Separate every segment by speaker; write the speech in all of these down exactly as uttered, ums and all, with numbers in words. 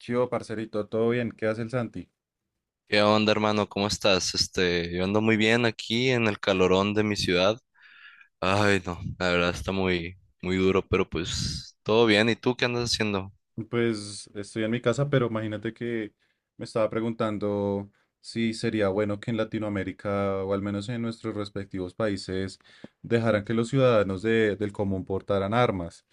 Speaker 1: Chivo, parcerito, ¿todo bien? ¿Qué hace el Santi?
Speaker 2: ¿Qué onda, hermano? ¿Cómo estás? Este, yo ando muy bien aquí en el calorón de mi ciudad. Ay, no, la verdad está muy, muy duro, pero pues todo bien. ¿Y tú qué andas haciendo?
Speaker 1: Pues estoy en mi casa, pero imagínate que me estaba preguntando si sería bueno que en Latinoamérica, o al menos en nuestros respectivos países, dejaran que los ciudadanos de- del común portaran armas.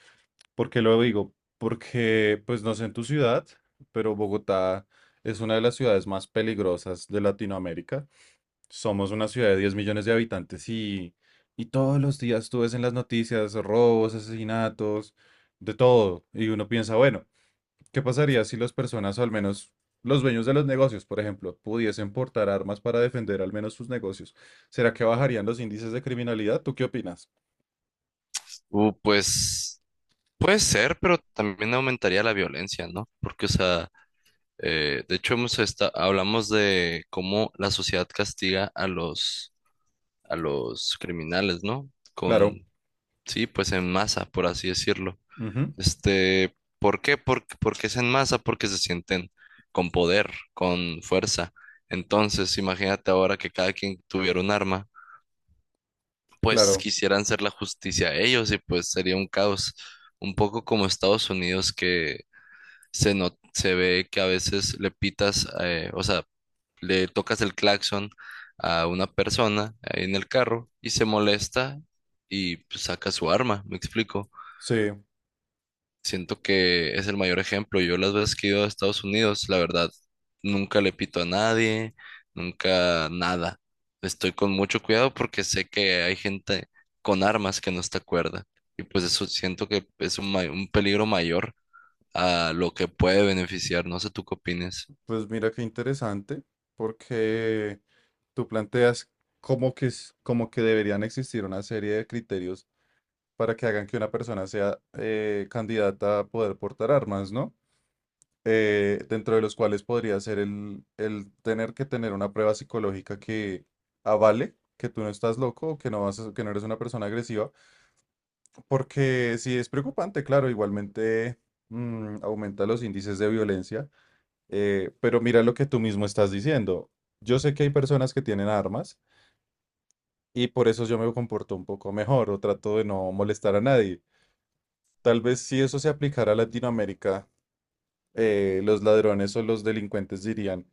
Speaker 1: ¿Por qué lo digo? Porque, pues no sé en tu ciudad, pero Bogotá es una de las ciudades más peligrosas de Latinoamérica. Somos una ciudad de diez millones de habitantes y, y todos los días tú ves en las noticias robos, asesinatos, de todo. Y uno piensa, bueno, ¿qué pasaría si las personas, o al menos los dueños de los negocios, por ejemplo, pudiesen portar armas para defender al menos sus negocios? ¿Será que bajarían los índices de criminalidad? ¿Tú qué opinas?
Speaker 2: Uh, pues puede ser, pero también aumentaría la violencia, ¿no? Porque, o sea, eh, de hecho hemos esta- hablamos de cómo la sociedad castiga a los, a los criminales, ¿no? Con,
Speaker 1: Claro,
Speaker 2: sí, pues en masa, por así decirlo.
Speaker 1: ujú,
Speaker 2: Este, ¿por qué? por porque es en masa, porque se sienten con poder, con fuerza. Entonces, imagínate ahora que cada quien tuviera un arma, pues
Speaker 1: claro.
Speaker 2: quisieran hacer la justicia a ellos y pues sería un caos, un poco como Estados Unidos que se no, se ve que a veces le pitas, eh, o sea, le tocas el claxon a una persona ahí en el carro y se molesta y pues, saca su arma, ¿me explico?
Speaker 1: Sí,
Speaker 2: Siento que es el mayor ejemplo. Yo las veces que he ido a Estados Unidos, la verdad, nunca le pito a nadie, nunca nada. Estoy con mucho cuidado porque sé que hay gente con armas que no está cuerda. Y pues eso siento que es un, ma- un peligro mayor a lo que puede beneficiar. No sé tú qué opines.
Speaker 1: pues mira qué interesante, porque tú planteas como que, es- como que deberían existir una serie de criterios para que hagan que una persona sea eh, candidata a poder portar armas, ¿no? Eh, dentro de los cuales podría ser el, el tener que tener una prueba psicológica que avale que tú no estás loco, o que no vas a- que no eres una persona agresiva, porque sí es preocupante, claro, igualmente mm, aumenta los índices de violencia, eh, pero mira lo que tú mismo estás diciendo. Yo sé que hay personas que tienen armas y por eso yo me comporto un poco mejor o trato de no molestar a nadie. Tal vez si eso se aplicara a Latinoamérica, eh, los ladrones o los delincuentes dirían,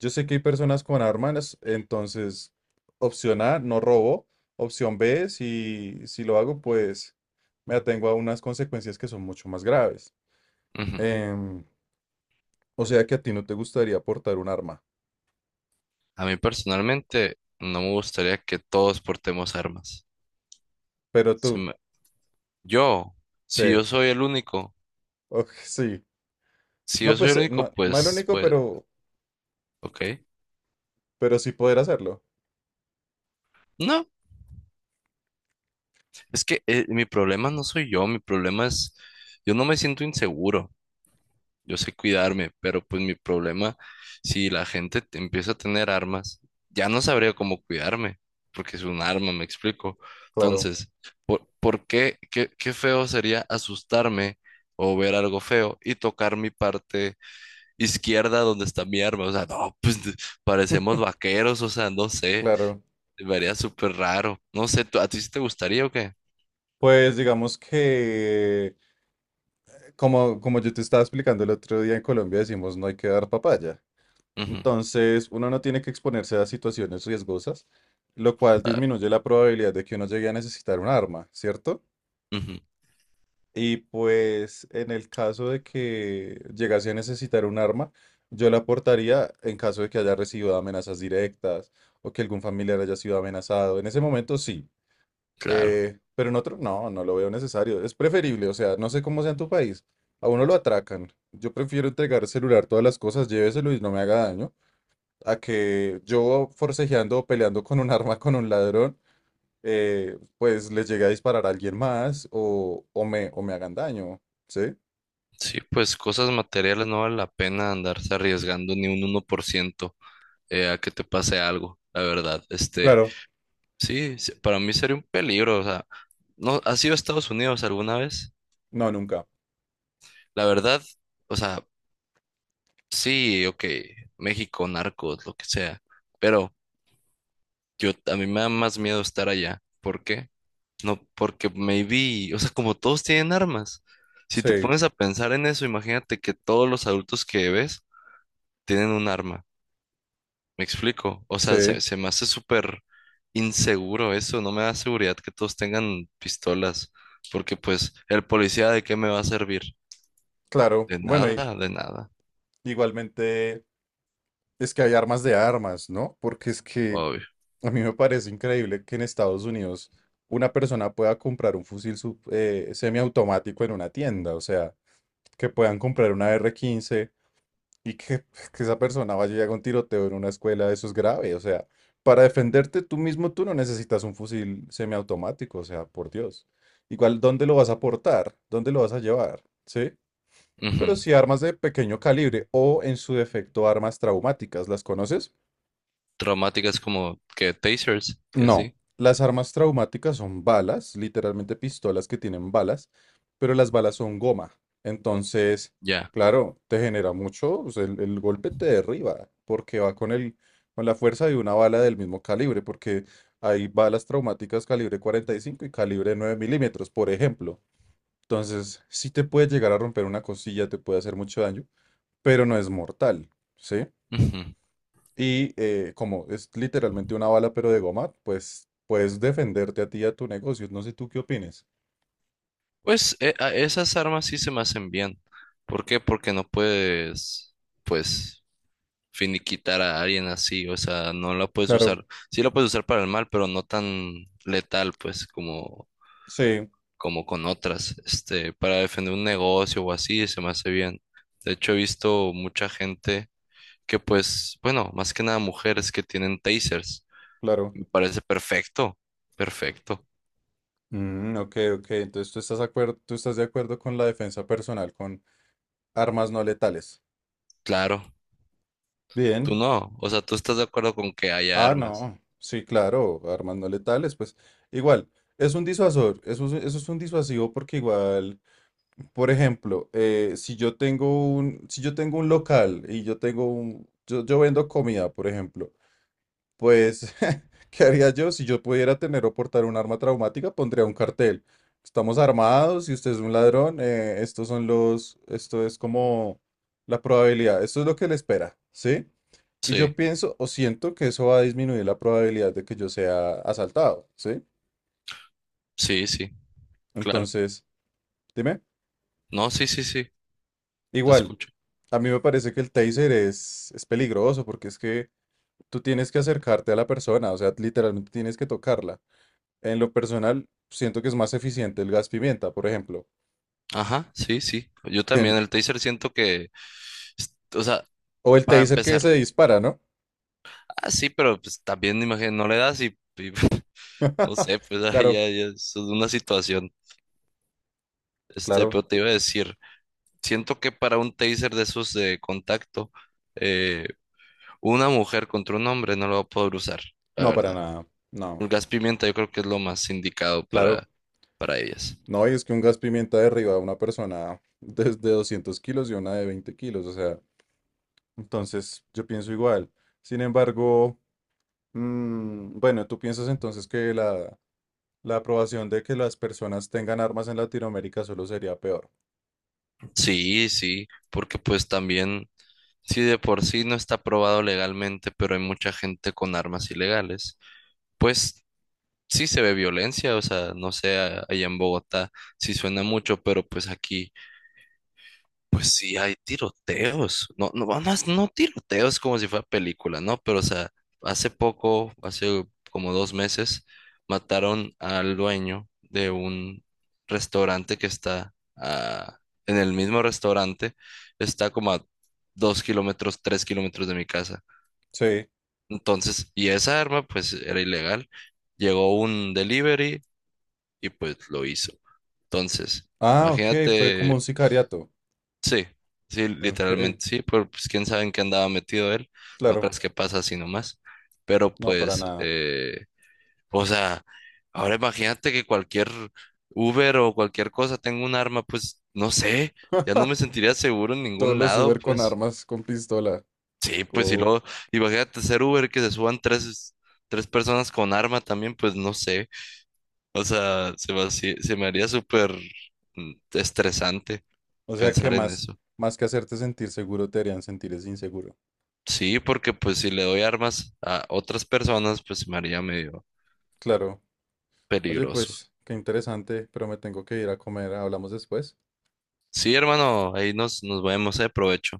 Speaker 1: yo sé que hay personas con armas, entonces opción A, no robo, opción be, si, si lo hago, pues me atengo a unas consecuencias que son mucho más graves.
Speaker 2: Ujú.
Speaker 1: Em, o sea que a ti no te gustaría portar un arma,
Speaker 2: A mí personalmente no me gustaría que todos portemos armas.
Speaker 1: pero
Speaker 2: Si
Speaker 1: tú,
Speaker 2: me- yo,
Speaker 1: sí,
Speaker 2: si yo soy el único,
Speaker 1: ok, sí.
Speaker 2: si
Speaker 1: No,
Speaker 2: yo soy
Speaker 1: pues
Speaker 2: el
Speaker 1: eh,
Speaker 2: único,
Speaker 1: no, no el
Speaker 2: pues,
Speaker 1: único,
Speaker 2: pues,
Speaker 1: pero,
Speaker 2: ok.
Speaker 1: pero sí poder hacerlo.
Speaker 2: No. Es que eh, mi problema no soy yo, mi problema es, yo no me siento inseguro, yo sé cuidarme, pero pues mi problema, si la gente te- empieza a tener armas, ya no sabría cómo cuidarme, porque es un arma, me explico.
Speaker 1: Claro,
Speaker 2: Entonces, ¿por, por qué, qué, qué feo sería asustarme o ver algo feo y tocar mi parte izquierda donde está mi arma? O sea, no, pues de- parecemos vaqueros, o sea, no sé,
Speaker 1: claro.
Speaker 2: me haría súper raro. No sé, ¿tú- ¿a ti sí te gustaría o qué?
Speaker 1: Pues digamos que Como, como yo te estaba explicando el otro día en Colombia, decimos no hay que dar papaya.
Speaker 2: Ujú,
Speaker 1: Entonces, uno no tiene que exponerse a situaciones riesgosas, lo cual
Speaker 2: ah,
Speaker 1: disminuye la probabilidad de que uno llegue a necesitar un arma, ¿cierto?
Speaker 2: ujú.
Speaker 1: Y pues en el caso de que llegase a necesitar un arma, yo la aportaría en caso de que haya recibido amenazas directas o que algún familiar haya sido amenazado. En ese momento sí,
Speaker 2: Claro,
Speaker 1: eh, pero en otro, no, no lo veo necesario. Es preferible, o sea, no sé cómo sea en tu país. A uno lo atracan. Yo prefiero entregar celular, todas las cosas, lléveselo y no me haga daño, a que yo forcejeando o peleando con un arma con un ladrón, eh, pues les llegue a disparar a alguien más o, o me, o me hagan daño. ¿Sí?
Speaker 2: sí, pues cosas materiales no vale la pena andarse arriesgando ni un uno por ciento, eh, a que te pase algo, la verdad. Este,
Speaker 1: Claro.
Speaker 2: sí, sí, para mí sería un peligro, o sea, ¿no has ido a Estados Unidos alguna vez?
Speaker 1: No, nunca.
Speaker 2: La verdad, o sea, sí, ok, México, narcos, lo que sea, pero yo a mí me da más miedo estar allá. ¿Por qué? No, porque maybe, o sea, como todos tienen armas. Si te
Speaker 1: Sí,
Speaker 2: pones a pensar en eso, imagínate que todos los adultos que ves tienen un arma. Me explico. O sea, se,
Speaker 1: sí,
Speaker 2: se me hace súper inseguro eso. No me da seguridad que todos tengan pistolas. ¿Porque pues el policía de qué me va a servir?
Speaker 1: claro.
Speaker 2: De
Speaker 1: Bueno, y
Speaker 2: nada, de nada.
Speaker 1: igualmente es que hay armas de armas, ¿no? Porque es que.
Speaker 2: Obvio.
Speaker 1: A mí me parece increíble que en Estados Unidos una persona pueda comprar un fusil sub- eh, semiautomático en una tienda, o sea, que puedan comprar una r quince y que, que esa persona vaya y haga un tiroteo en una escuela, eso es grave, o sea, para defenderte tú mismo tú no necesitas un fusil semiautomático, o sea, por Dios. Igual, ¿dónde lo vas a portar? ¿Dónde lo vas a llevar? ¿Sí?
Speaker 2: Ujú.
Speaker 1: Pero si armas de pequeño calibre o en su defecto armas traumáticas, ¿las conoces?
Speaker 2: Traumáticas como que tasers y
Speaker 1: No,
Speaker 2: así.
Speaker 1: las armas traumáticas son balas, literalmente pistolas que tienen balas, pero las balas son goma. Entonces,
Speaker 2: Ya.
Speaker 1: claro, te genera mucho, o sea, el, el golpe te derriba, porque va con el, con la fuerza de una bala del mismo calibre, porque hay balas traumáticas calibre cuarenta y cinco y calibre nueve milímetros, por ejemplo. Entonces, sí te puede llegar a romper una costilla, te puede hacer mucho daño, pero no es mortal, ¿sí?
Speaker 2: Ujú.
Speaker 1: Y eh, como es literalmente una bala, pero de goma, pues puedes defenderte a ti y a tu negocio. No sé tú qué opines.
Speaker 2: Pues e- a- esas armas sí se me hacen bien. ¿Por qué? Porque no puedes, pues, finiquitar a alguien así. O sea, no la puedes
Speaker 1: Claro,
Speaker 2: usar. Sí la puedes usar para el mal, pero no tan letal, pues, como
Speaker 1: sí,
Speaker 2: como con otras, este, para defender un negocio o así, se me hace bien. De hecho, he visto mucha gente que pues, bueno, más que nada mujeres que tienen tasers.
Speaker 1: claro.
Speaker 2: Me parece perfecto, perfecto.
Speaker 1: Mm, ok, ok. Entonces tú estás acuer- tú estás de acuerdo con la defensa personal, con armas no letales.
Speaker 2: Claro, tú
Speaker 1: Bien.
Speaker 2: no, o sea, tú estás de acuerdo con que haya
Speaker 1: Ah,
Speaker 2: armas.
Speaker 1: no. Sí, claro, armas no letales. Pues igual, es un disuasor. Eso, es- eso es un disuasivo porque igual, por ejemplo, eh, si yo tengo un, si yo tengo un local y yo tengo un, yo yo vendo comida, por ejemplo. Pues, ¿qué haría yo? Si yo pudiera tener o portar un arma traumática, pondría un cartel. Estamos armados y usted es un ladrón. eh, estos son los, esto es como la probabilidad. Esto es lo que le espera, ¿sí? Y
Speaker 2: Sí,
Speaker 1: yo pienso o siento que eso va a disminuir la probabilidad de que yo sea asaltado, ¿sí?
Speaker 2: sí, sí, claro.
Speaker 1: Entonces, dime,
Speaker 2: No, sí, sí, sí, te
Speaker 1: igual,
Speaker 2: escucho.
Speaker 1: a mí me parece que el taser es, es peligroso porque es que tú tienes que acercarte a la persona, o sea, literalmente tienes que tocarla. En lo personal, siento que es más eficiente el gas pimienta, por ejemplo,
Speaker 2: Ajá, sí, sí. Yo
Speaker 1: que
Speaker 2: también,
Speaker 1: en-
Speaker 2: el taser siento que, es- o sea,
Speaker 1: o el
Speaker 2: para
Speaker 1: taser que se
Speaker 2: empezar,
Speaker 1: dispara, ¿no?
Speaker 2: ah, sí, pero pues también imagino, no le das y, y no sé, pues ahí ya,
Speaker 1: Claro,
Speaker 2: ya es una situación. Este,
Speaker 1: claro,
Speaker 2: pero te iba a decir, siento que para un taser de esos de contacto, eh, una mujer contra un hombre no lo va a poder usar, la
Speaker 1: no para
Speaker 2: verdad.
Speaker 1: nada, no,
Speaker 2: El gas pimienta yo creo que es lo más indicado
Speaker 1: claro,
Speaker 2: para, para ellas.
Speaker 1: no, y es que un gas pimienta derriba a una persona desde doscientos kilos y una de veinte kilos, o sea, entonces yo pienso igual. Sin embargo, mm, bueno, tú piensas entonces que la, la aprobación de que las personas tengan armas en Latinoamérica solo sería peor.
Speaker 2: Sí, sí, porque pues también, si de por sí no está aprobado legalmente, pero hay mucha gente con armas ilegales, pues sí se ve violencia, o sea, no sé, a- allá en Bogotá sí suena mucho, pero pues aquí, pues sí, hay tiroteos. No, no, no, es- no tiroteos como si fuera película, ¿no? Pero, o sea, hace poco, hace como dos meses, mataron al dueño de un restaurante que está ah, en el mismo restaurante, está como a dos kilómetros, tres kilómetros de mi casa.
Speaker 1: Sí.
Speaker 2: Entonces, y esa arma, pues, era ilegal. Llegó un delivery y pues lo hizo. Entonces,
Speaker 1: Ah, ok, fue como
Speaker 2: imagínate.
Speaker 1: un sicariato.
Speaker 2: Sí, sí,
Speaker 1: Ok,
Speaker 2: literalmente sí, pero pues quién sabe en qué andaba metido él, no
Speaker 1: claro.
Speaker 2: creas que pasa así nomás, pero
Speaker 1: No, para
Speaker 2: pues,
Speaker 1: nada.
Speaker 2: eh, o sea, ahora imagínate que cualquier Uber o cualquier cosa tenga un arma, pues no sé, ya no me sentiría seguro en
Speaker 1: Todos
Speaker 2: ningún
Speaker 1: los
Speaker 2: lado,
Speaker 1: Uber con
Speaker 2: pues
Speaker 1: armas, con pistola.
Speaker 2: sí, pues y
Speaker 1: co-
Speaker 2: luego, imagínate ser Uber que se suban tres, tres personas con arma también, pues no sé, o sea, se me, haci- se me haría súper mm, estresante
Speaker 1: O sea que
Speaker 2: pensar en
Speaker 1: más,
Speaker 2: eso.
Speaker 1: más que hacerte sentir seguro, te harían sentir es inseguro.
Speaker 2: Sí, porque pues si le doy armas a otras personas, pues se me haría medio
Speaker 1: Claro. Oye,
Speaker 2: peligroso.
Speaker 1: pues, qué interesante, pero me tengo que ir a comer. Hablamos después.
Speaker 2: Sí, hermano, ahí nos, nos vemos, eh, provecho.